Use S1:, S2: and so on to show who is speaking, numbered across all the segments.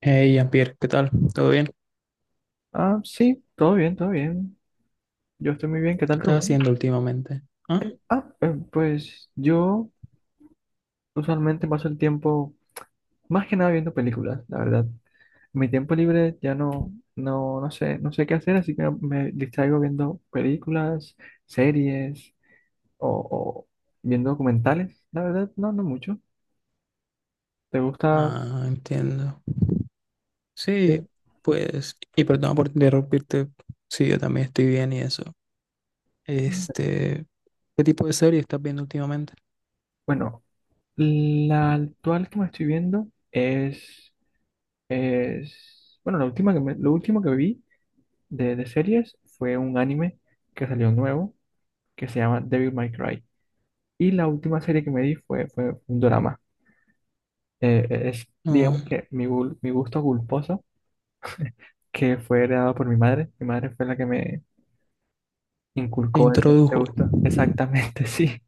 S1: Hey, Jean-Pierre, ¿qué tal? ¿Todo bien? ¿Qué
S2: Ah, sí, todo bien, todo bien. Yo estoy muy bien, ¿qué tal tú,
S1: estás
S2: Juan?
S1: haciendo últimamente? ¿Ah?
S2: Pues yo usualmente paso el tiempo más que nada viendo películas, la verdad. Mi tiempo libre ya no sé, no sé qué hacer, así que me distraigo viendo películas, series o viendo documentales. La verdad, no, no mucho. ¿Te gusta?
S1: Ah, entiendo.
S2: eh,
S1: Sí, pues, y perdón por interrumpirte, sí, yo también estoy bien y eso. Este, ¿Qué tipo de serie estás viendo últimamente?
S2: Bueno, la actual que me estoy viendo, bueno, la última que lo último que vi. De series fue un anime que salió nuevo que se llama Devil May Cry. Y la última serie que me di fue un drama. Es,
S1: No,
S2: digamos que mi gusto culposo, que fue heredado por mi madre. Mi madre fue la que me
S1: te
S2: inculcó ese
S1: introdujo.
S2: gusto. Exactamente, sí.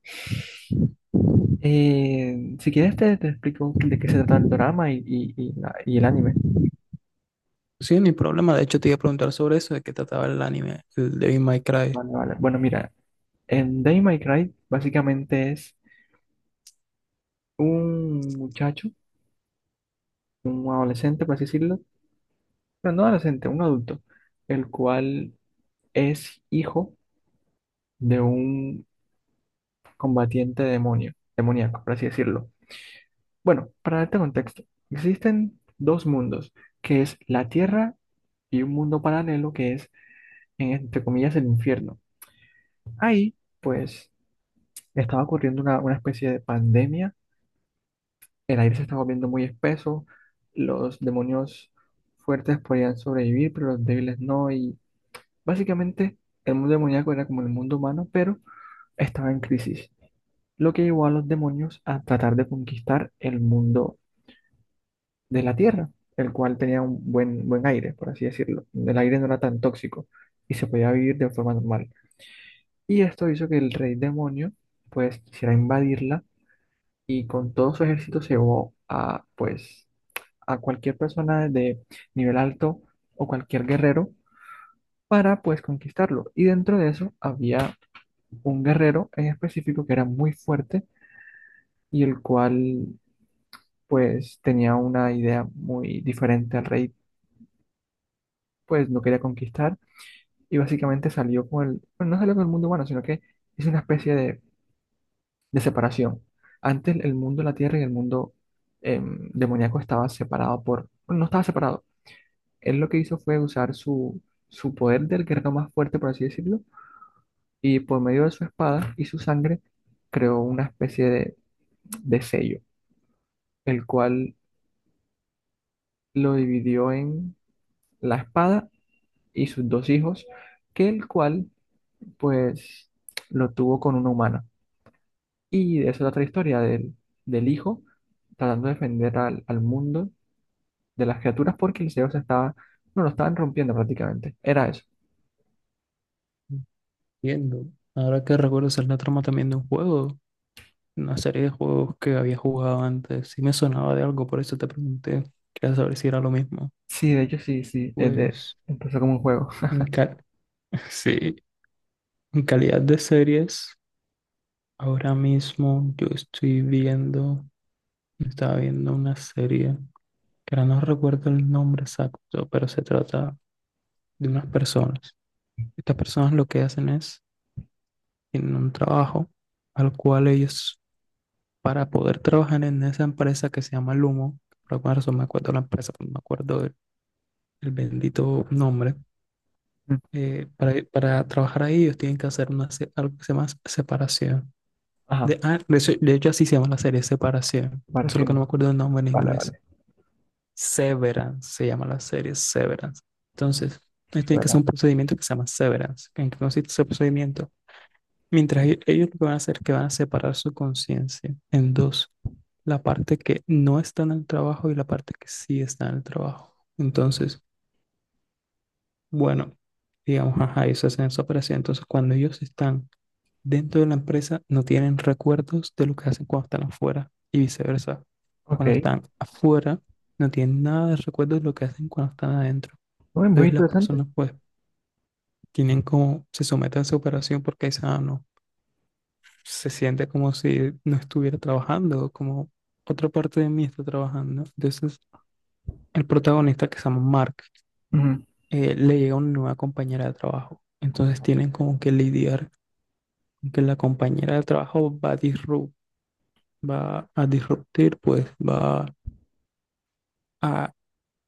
S2: Si quieres te explico de qué se trata el drama y el anime.
S1: Sí, ni problema. De hecho, te iba a preguntar sobre eso, de qué trataba el anime, el Devil May Cry.
S2: Vale, vale. Bueno, mira, en Devil May Cry básicamente es un muchacho, un adolescente, por así decirlo, pero no adolescente, un adulto, el cual es hijo de un combatiente demonio, demoníaco, por así decirlo. Bueno, para darte contexto, existen dos mundos, que es la Tierra y un mundo paralelo que es, entre comillas, el infierno. Ahí, pues, estaba ocurriendo una especie de pandemia, el aire se estaba volviendo muy espeso, los demonios fuertes podían sobrevivir, pero los débiles no, y básicamente el mundo demoníaco era como el mundo humano, pero estaba en crisis, lo que llevó a los demonios a tratar de conquistar el mundo de la Tierra, el cual tenía un buen, buen aire, por así decirlo. El aire no era tan tóxico y se podía vivir de forma normal. Y esto hizo que el rey demonio pues quisiera invadirla y con todo su ejército se llevó a pues a cualquier persona de nivel alto o cualquier guerrero para pues conquistarlo. Y dentro de eso había un guerrero en específico que era muy fuerte y el cual pues tenía una idea muy diferente al rey, pues no quería conquistar y básicamente salió con el, bueno, no salió con el mundo humano, sino que es una especie de separación. Antes el mundo de la tierra y el mundo demoníaco estaba separado por, bueno, no estaba separado. Él lo que hizo fue usar su poder del guerrero más fuerte, por así decirlo, y por medio de su espada y su sangre creó una especie de sello, el cual lo dividió en la espada y sus dos hijos, que el cual pues lo tuvo con una humana. Y de eso es otra historia del hijo tratando de defender al mundo de las criaturas porque el cielo se estaba, no, lo estaban rompiendo prácticamente. Era eso.
S1: Entiendo. Ahora que recuerdo, esa es la trama también de un juego, una serie de juegos que había jugado antes. Sí me sonaba de algo, por eso te pregunté. Quería saber si era lo mismo.
S2: Sí, de hecho sí, sí,
S1: Pues,
S2: empezó como un juego.
S1: en ca- sí, en calidad de series, ahora mismo yo estoy viendo, estaba viendo una serie, que ahora no recuerdo el nombre exacto, pero se trata de unas personas. Estas personas lo que hacen es tienen un trabajo al cual ellos, para poder trabajar en esa empresa que se llama Lumo, por alguna razón me acuerdo de la empresa, no me acuerdo el bendito nombre,
S2: Mm.
S1: para trabajar ahí ellos tienen que hacer una, algo que se llama separación.
S2: Ajá,
S1: De hecho así se llama la serie, separación, solo que no
S2: pareció.
S1: me acuerdo el nombre en
S2: Vale,
S1: inglés.
S2: vale.
S1: Severance se llama la serie, Severance. Entonces, ellos tienen que hacer
S2: Bueno,
S1: un procedimiento que se llama Severance. ¿En qué consiste ese procedimiento? Ellos lo que van a hacer es que van a separar su conciencia en dos: la parte que no está en el trabajo y la parte que sí está en el trabajo. Entonces, bueno, digamos, ajá, ellos hacen esa operación. Entonces, cuando ellos están dentro de la empresa, no tienen recuerdos de lo que hacen cuando están afuera y viceversa.
S2: ok,
S1: Cuando están afuera, no tienen nada de recuerdos de lo que hacen cuando están adentro.
S2: muy, muy
S1: Entonces, las
S2: interesante.
S1: personas, pues, tienen como, se someten a esa operación porque dicen, ah, no, se siente como si no estuviera trabajando, como otra parte de mí está trabajando. Entonces, el protagonista que se llama Mark,
S2: Ujú.
S1: le llega una nueva compañera de trabajo. Entonces tienen como que lidiar con que la compañera de trabajo va a disruptir, pues va a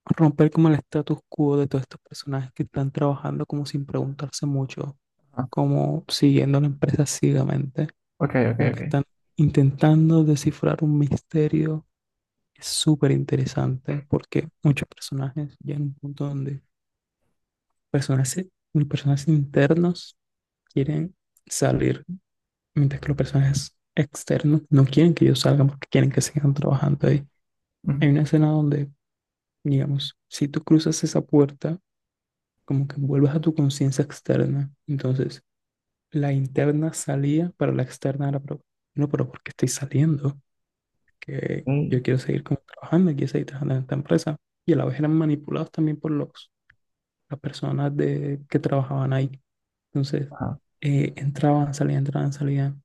S1: romper como el status quo de todos estos personajes que están trabajando como sin preguntarse mucho,
S2: Ajá.
S1: como siguiendo la empresa ciegamente,
S2: Ok, ok,
S1: como
S2: ok.
S1: que están intentando descifrar un misterio. Es súper interesante porque muchos personajes llegan a un punto donde personajes, personajes internos quieren salir, mientras que los personajes externos no quieren que ellos salgan porque quieren que sigan trabajando ahí. Hay
S2: Ujú.
S1: una escena donde, digamos, si tú cruzas esa puerta, como que vuelves a tu conciencia externa. Entonces, la interna salía, pero la externa era, pero, no, pero ¿por qué estoy saliendo? Que
S2: Ok,
S1: yo quiero seguir como trabajando, quiero seguir trabajando en esta empresa. Y a la vez eran manipulados también por las personas de, que trabajaban ahí. Entonces,
S2: ajá.
S1: entraban, salían, entraban, salían,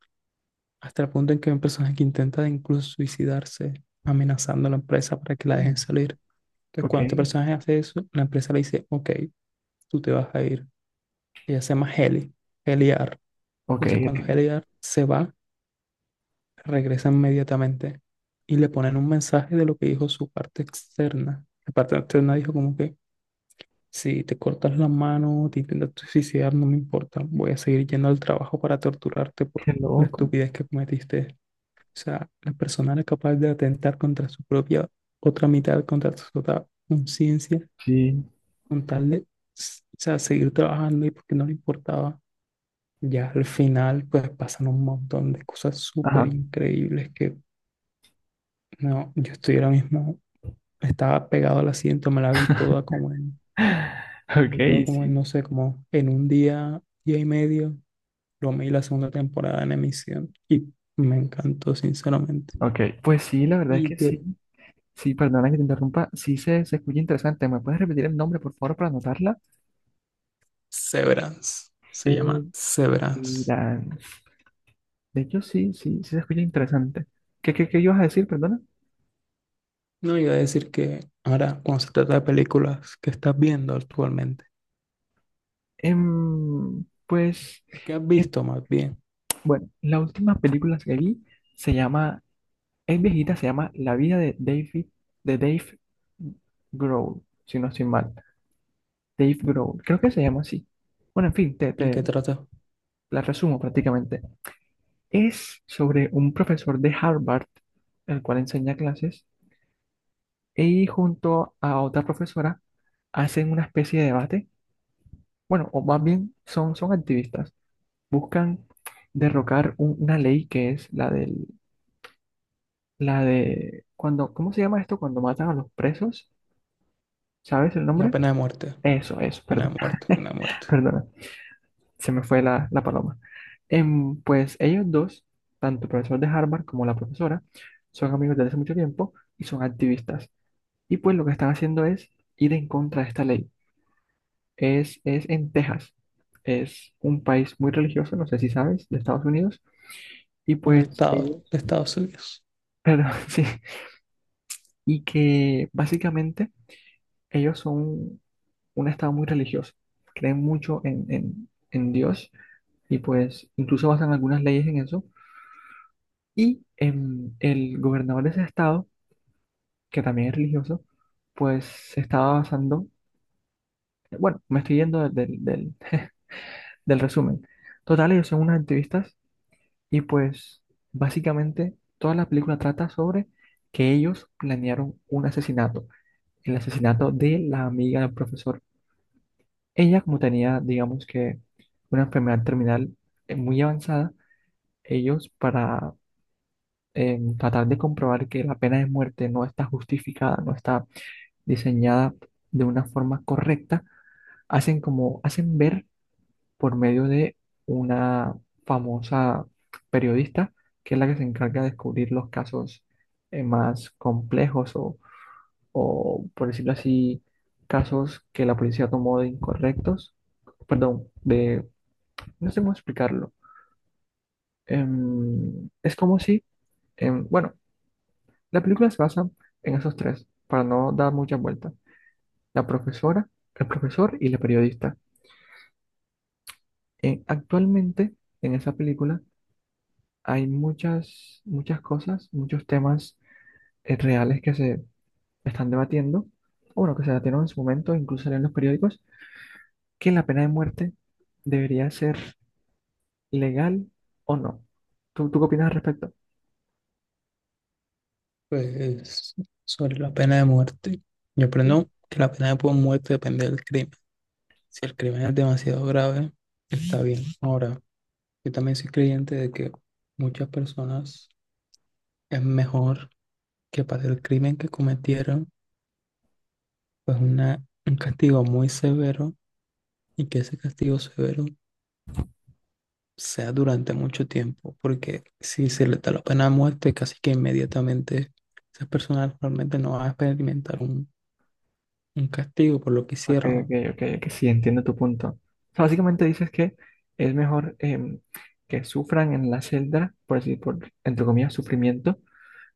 S1: hasta el punto en que hay un personaje que intenta de incluso suicidarse amenazando a la empresa para que la
S2: Uh,
S1: dejen salir. Entonces,
S2: ok,
S1: cuando este personaje hace eso, la empresa le dice, ok, tú te vas a ir. Ella se llama Heli, Heliar.
S2: ok,
S1: Entonces,
S2: ok.
S1: cuando Heliar se va, regresa inmediatamente y le ponen un mensaje de lo que dijo su parte externa. La parte externa dijo como que, si te cortas la mano, te intentas suicidar, no me importa, voy a seguir yendo al trabajo para torturarte por
S2: Qué
S1: la
S2: loco.
S1: estupidez que cometiste. O sea, la persona era capaz de atentar contra su propia otra mitad, contra su otra conciencia,
S2: Sí.
S1: con tal de, o sea, seguir trabajando y porque no le importaba. Ya al final, pues pasan un montón de cosas súper
S2: Ajá.
S1: increíbles que, no, yo estoy ahora mismo, estaba pegado al asiento, me la vi toda como en,
S2: Ok,
S1: me vi toda como en,
S2: sí.
S1: no sé, como en un día, día y medio, lo vi la segunda temporada en emisión y me encantó, sinceramente.
S2: Ok, pues sí, la verdad es
S1: Y
S2: que sí.
S1: de
S2: Sí, perdona que te interrumpa. Sí, se escucha interesante. ¿Me puedes repetir el nombre, por favor, para anotarla?
S1: Severance. Se llama
S2: Severance.
S1: Severance.
S2: De hecho, sí, sí, sí se escucha interesante. ¿Qué, qué, qué ibas a decir, perdona?
S1: No iba a decir que ahora, cuando se trata de películas que estás viendo actualmente,
S2: Em, pues,
S1: que has
S2: em,
S1: visto más bien,
S2: bueno, la última película que vi se llama, es viejita, se llama La vida de David, de Dave Grohl, si no estoy mal. Dave Grohl, creo que se llama así. Bueno, en fin, te,
S1: y que
S2: te
S1: trata
S2: la resumo prácticamente. Es sobre un profesor de Harvard, el cual enseña clases, y junto a otra profesora hacen una especie de debate. Bueno, o más bien son activistas. Buscan derrocar una ley que es la del, la de cuando, ¿cómo se llama esto? Cuando matan a los presos, ¿sabes el
S1: una
S2: nombre?
S1: pena de muerte,
S2: Eso,
S1: pena
S2: perdón.
S1: de muerte, pena de muerte,
S2: Perdona. Se me fue la, la paloma. Em, pues ellos dos, tanto el profesor de Harvard como la profesora, son amigos desde hace mucho tiempo y son activistas. Y pues lo que están haciendo es ir en contra de esta ley. Es en Texas. Es un país muy religioso, no sé si sabes, de Estados Unidos. Y
S1: un
S2: pues
S1: estado
S2: ellos,
S1: de Estados Unidos.
S2: perdón, sí, y que básicamente ellos son un estado muy religioso. Creen mucho en Dios y pues incluso basan algunas leyes en eso. Y el gobernador de ese estado, que también es religioso, pues se estaba basando, bueno, me estoy yendo del resumen. Total, ellos son unos activistas y pues básicamente toda la película trata sobre que ellos planearon un asesinato, el asesinato de la amiga del profesor. Ella, como tenía, digamos que, una enfermedad terminal muy avanzada, ellos para tratar de comprobar que la pena de muerte no está justificada, no está diseñada de una forma correcta, hacen como, hacen ver por medio de una famosa periodista, que es la que se encarga de descubrir los casos más complejos o, por decirlo así, casos que la policía tomó de incorrectos, perdón, de, no sé cómo explicarlo. Em, es como si, em, bueno, la película se basa en esos tres, para no dar muchas vueltas. La profesora, el profesor y la periodista. Actualmente, en esa película, hay muchas, muchas cosas, muchos temas reales que se están debatiendo, o bueno, que se debatieron en su momento, incluso en los periódicos, que la pena de muerte debería ser legal o no. ¿Tú, tú qué opinas al respecto?
S1: Pues sobre la pena de muerte, yo aprendo que la pena de muerte depende del crimen. Si el crimen es demasiado grave, está bien. Ahora, yo también soy creyente de que muchas personas es mejor que para el crimen que cometieron pues una, un castigo muy severo y que ese castigo severo sea durante mucho tiempo, porque si se le da la pena de muerte, casi que inmediatamente esas personas realmente no van a experimentar un castigo por lo que
S2: Ok, ok,
S1: hicieron.
S2: ok, que sí, entiendo tu punto. O sea, básicamente dices que es mejor que sufran en la celda, por decir, por, entre comillas, sufrimiento,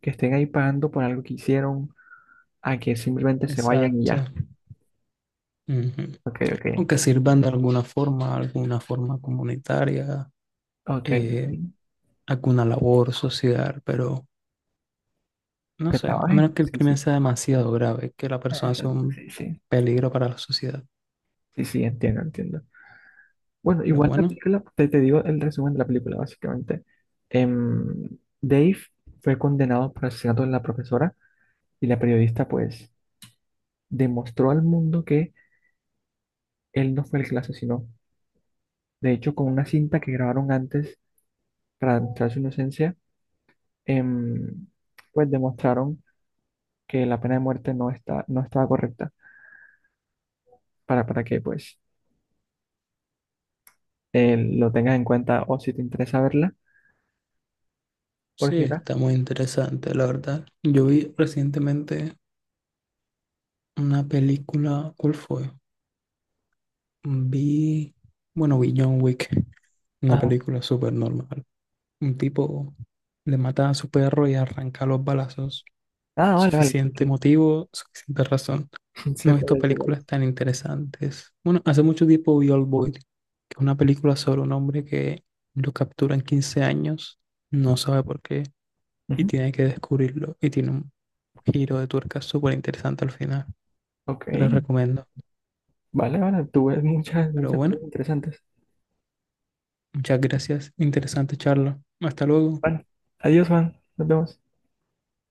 S2: que estén ahí pagando por algo que hicieron, a que simplemente se vayan y
S1: Exacto.
S2: ya.
S1: Ujú.
S2: Ok, ok,
S1: O que
S2: entiendo,
S1: sirvan
S2: entiendo.
S1: de alguna forma comunitaria,
S2: Ok, ok.
S1: eh, alguna labor social, pero no
S2: Aunque
S1: sé, a menos
S2: trabajen.
S1: que el
S2: Sí,
S1: crimen
S2: sí.
S1: sea demasiado grave, que la persona sea
S2: Exacto,
S1: un
S2: sí, sí.
S1: peligro para la sociedad.
S2: Sí, sí, entiendo, entiendo. Bueno,
S1: Pero
S2: igual la
S1: bueno.
S2: película, te digo el resumen de la película, básicamente. Em, Dave fue condenado por el asesinato de la profesora y la periodista, pues, demostró al mundo que él no fue el que la asesinó. De hecho, con una cinta que grabaron antes para demostrar su inocencia, em, pues demostraron que la pena de muerte no está, no estaba correcta para que, pues, lo tengas en cuenta o si te interesa verla, por
S1: Sí,
S2: si acaso.
S1: está muy interesante, la verdad. Yo vi recientemente una película, ¿cuál fue? Vi, bueno, vi John Wick, una
S2: Ajá.
S1: película súper normal. Un tipo le mata a su perro y arranca los balazos.
S2: Ah, vale, vale.
S1: Suficiente
S2: Sí,
S1: motivo, suficiente razón.
S2: sí.
S1: No
S2: Sé
S1: he
S2: cuál
S1: visto
S2: es, sé cuál es.
S1: películas tan interesantes. Bueno, hace mucho tiempo vi Old Boy, que es una película sobre un hombre que lo capturan 15 años, no sabe por qué, y
S2: Ujú.
S1: tiene que descubrirlo, y tiene un giro de tuerca súper interesante al final.
S2: Ok,
S1: Te las recomiendo.
S2: vale, vale. Tú ves muchas,
S1: Pero
S2: muchas cosas
S1: bueno,
S2: interesantes.
S1: muchas gracias. Interesante charla. Hasta luego.
S2: Vale. Adiós, Juan. Nos vemos.